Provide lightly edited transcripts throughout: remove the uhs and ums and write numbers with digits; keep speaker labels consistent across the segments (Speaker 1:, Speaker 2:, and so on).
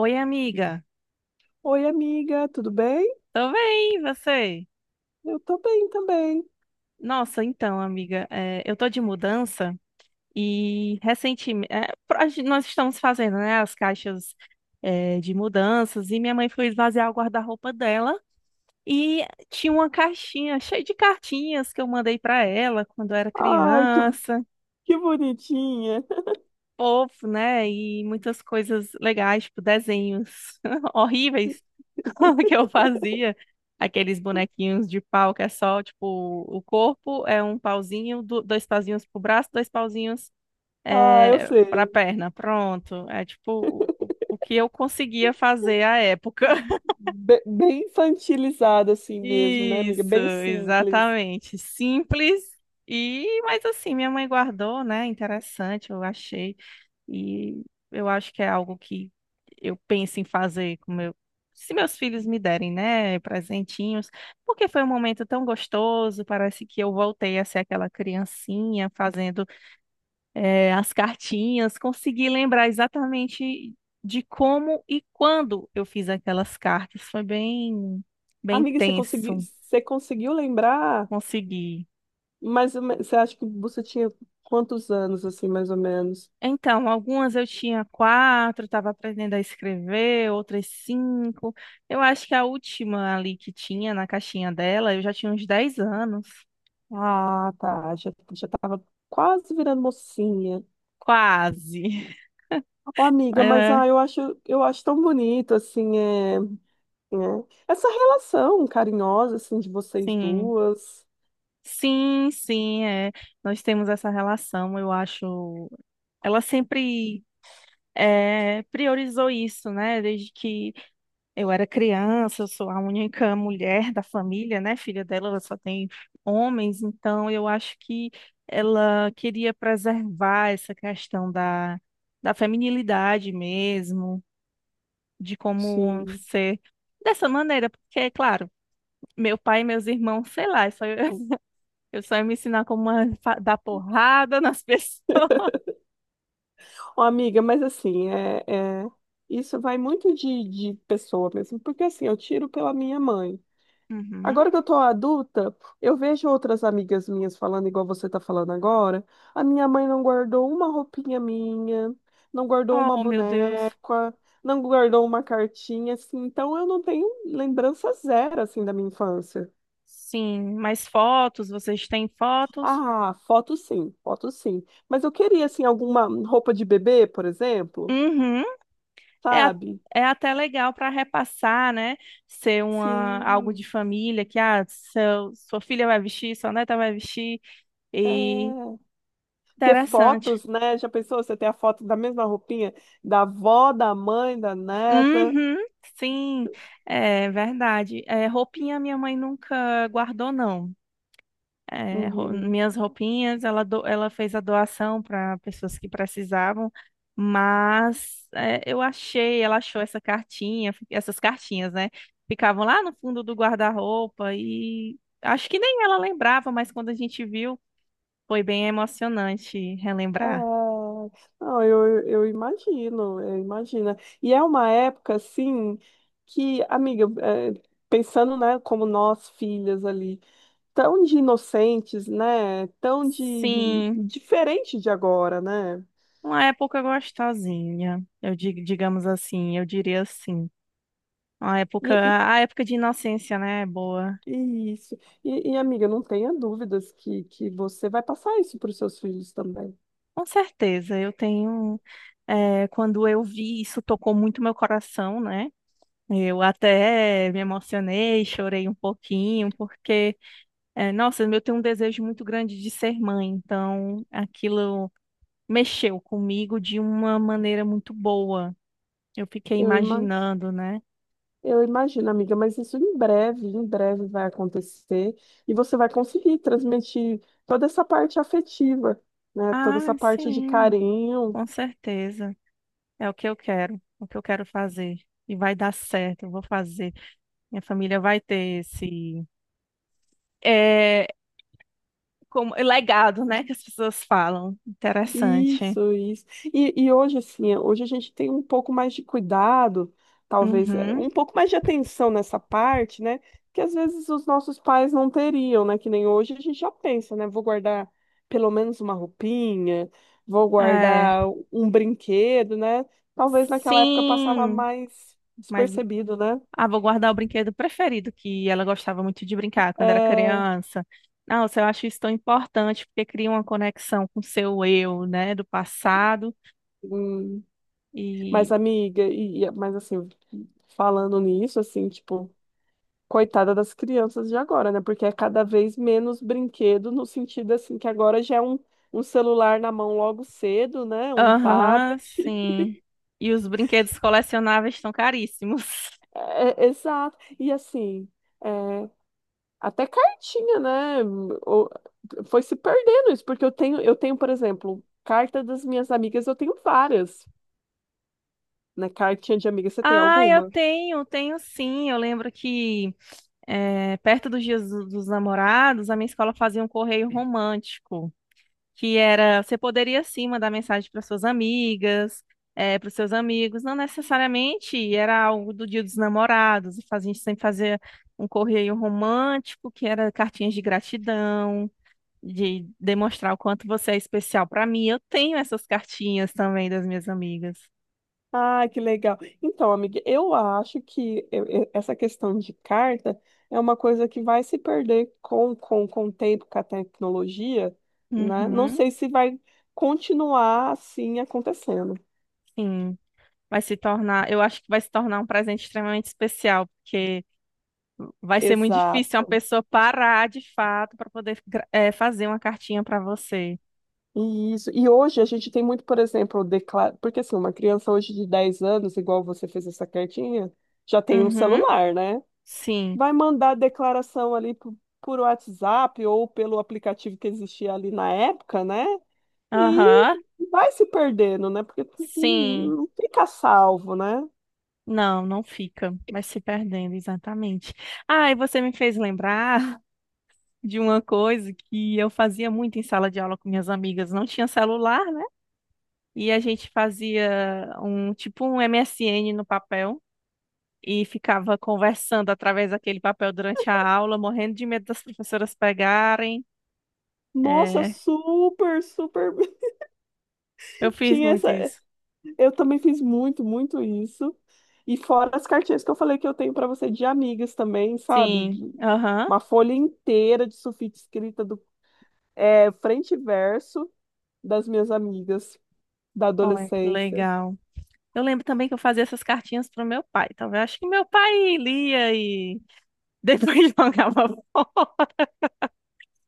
Speaker 1: Oi, amiga.
Speaker 2: Oi, amiga, tudo bem?
Speaker 1: Tô bem, e você?
Speaker 2: Eu tô bem também.
Speaker 1: Nossa, então, amiga, eu tô de mudança e recentemente nós estamos fazendo, né, as caixas de mudanças e minha mãe foi esvaziar o guarda-roupa dela e tinha uma caixinha cheia de cartinhas que eu mandei pra ela quando eu era
Speaker 2: Ai,
Speaker 1: criança.
Speaker 2: que bonitinha.
Speaker 1: Fofo, né? E muitas coisas legais, tipo desenhos horríveis que eu fazia. Aqueles bonequinhos de pau que é só, tipo, o corpo é um pauzinho, dois pauzinhos pro braço, dois pauzinhos
Speaker 2: Ah, eu
Speaker 1: pra
Speaker 2: sei.
Speaker 1: perna. Pronto. É tipo o que eu conseguia fazer à época.
Speaker 2: Bem infantilizada assim mesmo, né, amiga?
Speaker 1: Isso,
Speaker 2: Bem simples.
Speaker 1: exatamente. Simples. E, mas assim, minha mãe guardou, né? Interessante, eu achei. E eu acho que é algo que eu penso em fazer com meu, se meus filhos me derem, né, presentinhos, porque foi um momento tão gostoso, parece que eu voltei a ser aquela criancinha fazendo as cartinhas, consegui lembrar exatamente de como e quando eu fiz aquelas cartas, foi bem, bem
Speaker 2: Amiga,
Speaker 1: tenso,
Speaker 2: você conseguiu lembrar?
Speaker 1: consegui.
Speaker 2: Mas você acha que você tinha quantos anos, assim, mais ou menos?
Speaker 1: Então, algumas eu tinha 4, estava aprendendo a escrever, outras 5. Eu acho que a última ali que tinha na caixinha dela, eu já tinha uns 10 anos.
Speaker 2: Ah, tá. Já tava quase virando mocinha.
Speaker 1: Quase.
Speaker 2: Ô,
Speaker 1: Mas,
Speaker 2: amiga,
Speaker 1: é,
Speaker 2: eu eu acho tão bonito, assim, é. Né? Essa relação carinhosa, assim, de vocês
Speaker 1: sim.
Speaker 2: duas.
Speaker 1: Sim, sim, é. Nós temos essa relação, eu acho. Ela sempre priorizou isso, né? Desde que eu era criança, eu sou a única mulher da família, né? Filha dela, ela só tem homens, então eu acho que ela queria preservar essa questão da feminilidade mesmo, de como
Speaker 2: Sim.
Speaker 1: ser dessa maneira, porque, é claro, meu pai e meus irmãos, sei lá, é só eu, eu só ia me ensinar como dar porrada nas pessoas.
Speaker 2: Ó, amiga, mas assim, isso vai muito de pessoa mesmo, porque assim, eu tiro pela minha mãe.
Speaker 1: Uhum.
Speaker 2: Agora que eu tô adulta, eu vejo outras amigas minhas falando igual você tá falando agora. A minha mãe não guardou uma roupinha minha, não guardou uma
Speaker 1: Oh, meu Deus.
Speaker 2: boneca, não guardou uma cartinha, assim. Então eu não tenho lembrança zero, assim, da minha infância.
Speaker 1: Sim, mais fotos, vocês têm fotos?
Speaker 2: Ah, foto sim, foto sim. Mas eu queria, assim, alguma roupa de bebê, por exemplo,
Speaker 1: Uhum. É
Speaker 2: sabe?
Speaker 1: é até legal para repassar, né? Ser uma, algo
Speaker 2: Sim.
Speaker 1: de família, que ah, seu, sua filha vai vestir, sua neta vai vestir, e
Speaker 2: É, ter
Speaker 1: interessante.
Speaker 2: fotos, né? Já pensou você ter a foto da mesma roupinha da avó, da mãe, da neta?
Speaker 1: Uhum, sim, é verdade. É, roupinha minha mãe nunca guardou, não. É,
Speaker 2: Uhum.
Speaker 1: minhas roupinhas, ela, ela fez a doação para pessoas que precisavam, mas é, eu achei, ela achou essa cartinha, essas cartinhas, né? Ficavam lá no fundo do guarda-roupa e acho que nem ela lembrava, mas quando a gente viu, foi bem emocionante relembrar.
Speaker 2: Ah, não, eu imagino, eu imagino. E é uma época, assim, que, amiga, é, pensando, né, como nós, filhas ali, tão de inocentes, né? Tão de
Speaker 1: Sim,
Speaker 2: diferente de agora, né?
Speaker 1: uma época gostosinha, eu digo, digamos assim, eu diria assim. Uma
Speaker 2: E,
Speaker 1: época,
Speaker 2: e-
Speaker 1: a época de inocência, né? É boa.
Speaker 2: e isso. Amiga, não tenha dúvidas que você vai passar isso para os seus filhos também.
Speaker 1: Com certeza, eu tenho. Quando eu vi isso, tocou muito meu coração, né? Eu até me emocionei, chorei um pouquinho, porque, nossa, eu tenho um desejo muito grande de ser mãe, então aquilo mexeu comigo de uma maneira muito boa. Eu fiquei
Speaker 2: Eu imagino.
Speaker 1: imaginando, né?
Speaker 2: Eu imagino, amiga, mas isso em breve vai acontecer e você vai conseguir transmitir toda essa parte afetiva, né? Toda essa
Speaker 1: Ah,
Speaker 2: parte de
Speaker 1: sim,
Speaker 2: carinho.
Speaker 1: com certeza. É o que eu quero, é o que eu quero fazer. E vai dar certo, eu vou fazer. Minha família vai ter esse. É, como legado, né, que as pessoas falam. Interessante.
Speaker 2: Isso, isso. E hoje, assim, hoje a gente tem um pouco mais de cuidado, talvez,
Speaker 1: Uhum.
Speaker 2: um pouco mais de atenção nessa parte, né? Que às vezes os nossos pais não teriam, né? Que nem hoje a gente já pensa, né? Vou guardar pelo menos uma roupinha, vou
Speaker 1: É.
Speaker 2: guardar um brinquedo, né? Talvez naquela época passava
Speaker 1: Sim,
Speaker 2: mais
Speaker 1: mas
Speaker 2: despercebido, né?
Speaker 1: ah, vou guardar o brinquedo preferido que ela gostava muito de brincar quando era
Speaker 2: É,
Speaker 1: criança. Nossa, eu acho isso tão importante porque cria uma conexão com o seu eu, né, do passado.
Speaker 2: hum, mas,
Speaker 1: E
Speaker 2: amiga, mas assim, falando nisso, assim, tipo. Coitada das crianças de agora, né? Porque é cada vez menos brinquedo, no sentido assim, que agora já é um celular na mão logo cedo, né? Um
Speaker 1: aham,
Speaker 2: tablet.
Speaker 1: sim. E os brinquedos colecionáveis estão caríssimos.
Speaker 2: Exato. E assim, é, até cartinha, né? O- Foi se perdendo isso, porque eu tenho, por exemplo, carta das minhas amigas, eu tenho várias, né? Cartinha de amiga, você tem
Speaker 1: Ah, eu
Speaker 2: alguma?
Speaker 1: tenho, tenho sim. Eu lembro que é, perto dos dias dos namorados, a minha escola fazia um correio romântico, que era, você poderia sim mandar mensagem para suas amigas, é, para os seus amigos, não necessariamente era algo do dia dos namorados, e a gente sempre fazia um correio romântico, que era cartinhas de gratidão, de demonstrar o quanto você é especial para mim. Eu tenho essas cartinhas também das minhas amigas.
Speaker 2: Ah, que legal. Então, amiga, eu acho que essa questão de carta é uma coisa que vai se perder com o tempo, com a tecnologia, né? Não
Speaker 1: Uhum,
Speaker 2: sei se vai continuar assim acontecendo.
Speaker 1: sim. Vai se tornar, eu acho que vai se tornar um presente extremamente especial, porque vai ser muito difícil uma
Speaker 2: Exato.
Speaker 1: pessoa parar de fato para poder fazer uma cartinha para você.
Speaker 2: E isso. E hoje a gente tem muito, por exemplo, declara... porque assim, uma criança hoje de 10 anos, igual você fez essa cartinha, já tem um
Speaker 1: Uhum.
Speaker 2: celular, né?
Speaker 1: Sim.
Speaker 2: Vai mandar declaração ali por WhatsApp ou pelo aplicativo que existia ali na época, né? E
Speaker 1: Aham.
Speaker 2: vai se perdendo, né? Porque tu
Speaker 1: Sim.
Speaker 2: não fica salvo, né?
Speaker 1: Não, não fica. Vai se perdendo, exatamente. Ah, e você me fez lembrar de uma coisa que eu fazia muito em sala de aula com minhas amigas. Não tinha celular, né? E a gente fazia um tipo um MSN no papel. E ficava conversando através daquele papel durante a aula, morrendo de medo das professoras pegarem.
Speaker 2: Nossa,
Speaker 1: É,
Speaker 2: super, super.
Speaker 1: eu fiz
Speaker 2: Tinha
Speaker 1: muito
Speaker 2: essa.
Speaker 1: isso.
Speaker 2: Eu também fiz muito, muito isso. E fora as cartinhas que eu falei que eu tenho para você de amigas também, sabe?
Speaker 1: Sim.
Speaker 2: De-
Speaker 1: Aham.
Speaker 2: Uma folha inteira de sulfite escrita do é, frente e verso das minhas amigas da
Speaker 1: Olha, que
Speaker 2: adolescência.
Speaker 1: legal. Eu lembro também que eu fazia essas cartinhas pro meu pai. Talvez acho que meu pai lia e depois jogava fora.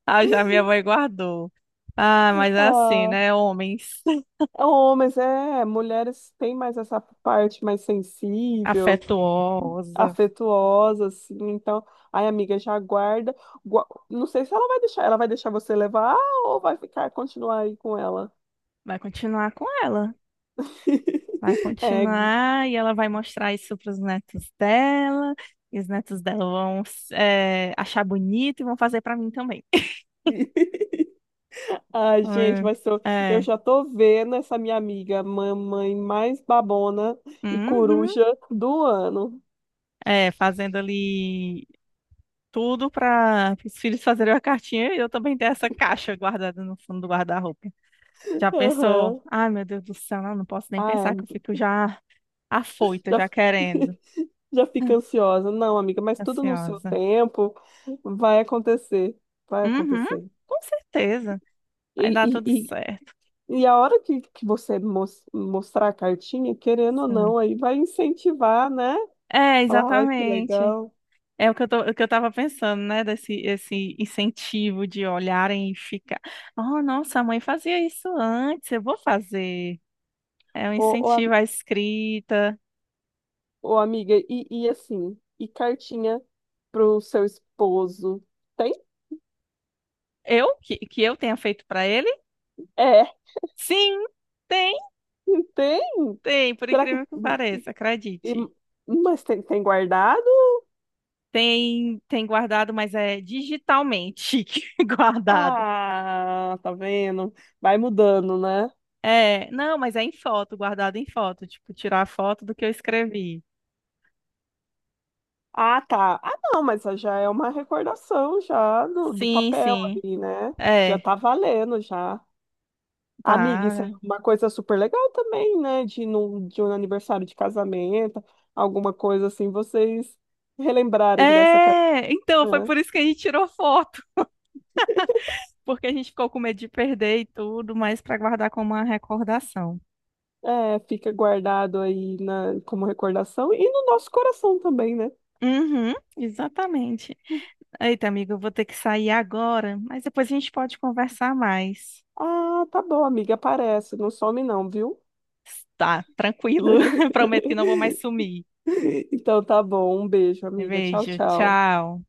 Speaker 1: Ah, já minha mãe guardou. Ah, mas é assim,
Speaker 2: Ah,
Speaker 1: né? Homens.
Speaker 2: é homens, é, mulheres têm mais essa parte mais sensível,
Speaker 1: Afetuosa.
Speaker 2: afetuosa, assim. Então, ai, amiga, já guarda. Gua- Não sei se ela vai deixar, ela vai deixar você levar ou vai ficar, continuar aí com ela.
Speaker 1: Vai continuar com ela. Vai
Speaker 2: É.
Speaker 1: continuar e ela vai mostrar isso para os netos dela. E os netos dela vão achar bonito e vão fazer para mim também.
Speaker 2: Ai, gente,
Speaker 1: É.
Speaker 2: eu
Speaker 1: É.
Speaker 2: já tô vendo essa minha amiga, mamãe mais babona e
Speaker 1: Uhum.
Speaker 2: coruja do ano.
Speaker 1: É, fazendo ali tudo para os filhos fazerem uma cartinha e eu também ter essa caixa guardada no fundo do guarda-roupa. Já pensou?
Speaker 2: Aham.
Speaker 1: Ai, meu Deus do céu, não, não posso nem
Speaker 2: Ah,
Speaker 1: pensar que eu fico já afoita,
Speaker 2: já,
Speaker 1: já querendo.
Speaker 2: já fica ansiosa. Não, amiga, mas tudo no seu
Speaker 1: Ansiosa.
Speaker 2: tempo vai acontecer. Vai
Speaker 1: Uhum,
Speaker 2: acontecer.
Speaker 1: com certeza. Vai dar tudo
Speaker 2: E e,
Speaker 1: certo.
Speaker 2: E a hora que você mostrar a cartinha, querendo ou
Speaker 1: Sim.
Speaker 2: não, aí vai incentivar, né?
Speaker 1: É,
Speaker 2: Falar, ai, que
Speaker 1: exatamente.
Speaker 2: legal.
Speaker 1: É o que eu tô, o que eu tava pensando, né? Desse esse incentivo de olharem e ficar. Oh, nossa, a mãe fazia isso antes, eu vou fazer. É um
Speaker 2: Ô, ô, am-
Speaker 1: incentivo à escrita.
Speaker 2: ô, amiga, e assim, e cartinha pro seu esposo? Tem?
Speaker 1: Eu? Que eu tenha feito para ele?
Speaker 2: É,
Speaker 1: Sim, tem,
Speaker 2: tem?
Speaker 1: tem, por
Speaker 2: Será que.
Speaker 1: incrível que pareça,
Speaker 2: e-
Speaker 1: acredite.
Speaker 2: mas tem, tem guardado?
Speaker 1: Tem, tem guardado, mas é digitalmente guardado.
Speaker 2: Ah, tá vendo? Vai mudando, né?
Speaker 1: É, não, mas é em foto, guardado em foto, tipo, tirar a foto do que eu escrevi.
Speaker 2: Ah, tá. Ah, não, mas já é uma recordação já do
Speaker 1: Sim,
Speaker 2: papel
Speaker 1: sim.
Speaker 2: ali, né? Já
Speaker 1: É,
Speaker 2: tá valendo já. Amiga, isso
Speaker 1: tá.
Speaker 2: é uma coisa super legal também, né? De, num, de um aniversário de casamento, alguma coisa assim, vocês relembrarem dessa carinha.
Speaker 1: É, então foi por isso que a gente tirou foto, porque a gente ficou com medo de perder e tudo, mas para guardar como uma recordação.
Speaker 2: É, fica guardado aí na, como recordação e no nosso coração também, né?
Speaker 1: Uhum, exatamente. Eita, amigo, eu vou ter que sair agora, mas depois a gente pode conversar mais.
Speaker 2: Ah, tá bom, amiga, aparece, não some não, viu?
Speaker 1: Tá, tranquilo. Prometo que não vou mais sumir.
Speaker 2: Então tá bom, um beijo, amiga. Tchau,
Speaker 1: Beijo,
Speaker 2: tchau.
Speaker 1: tchau.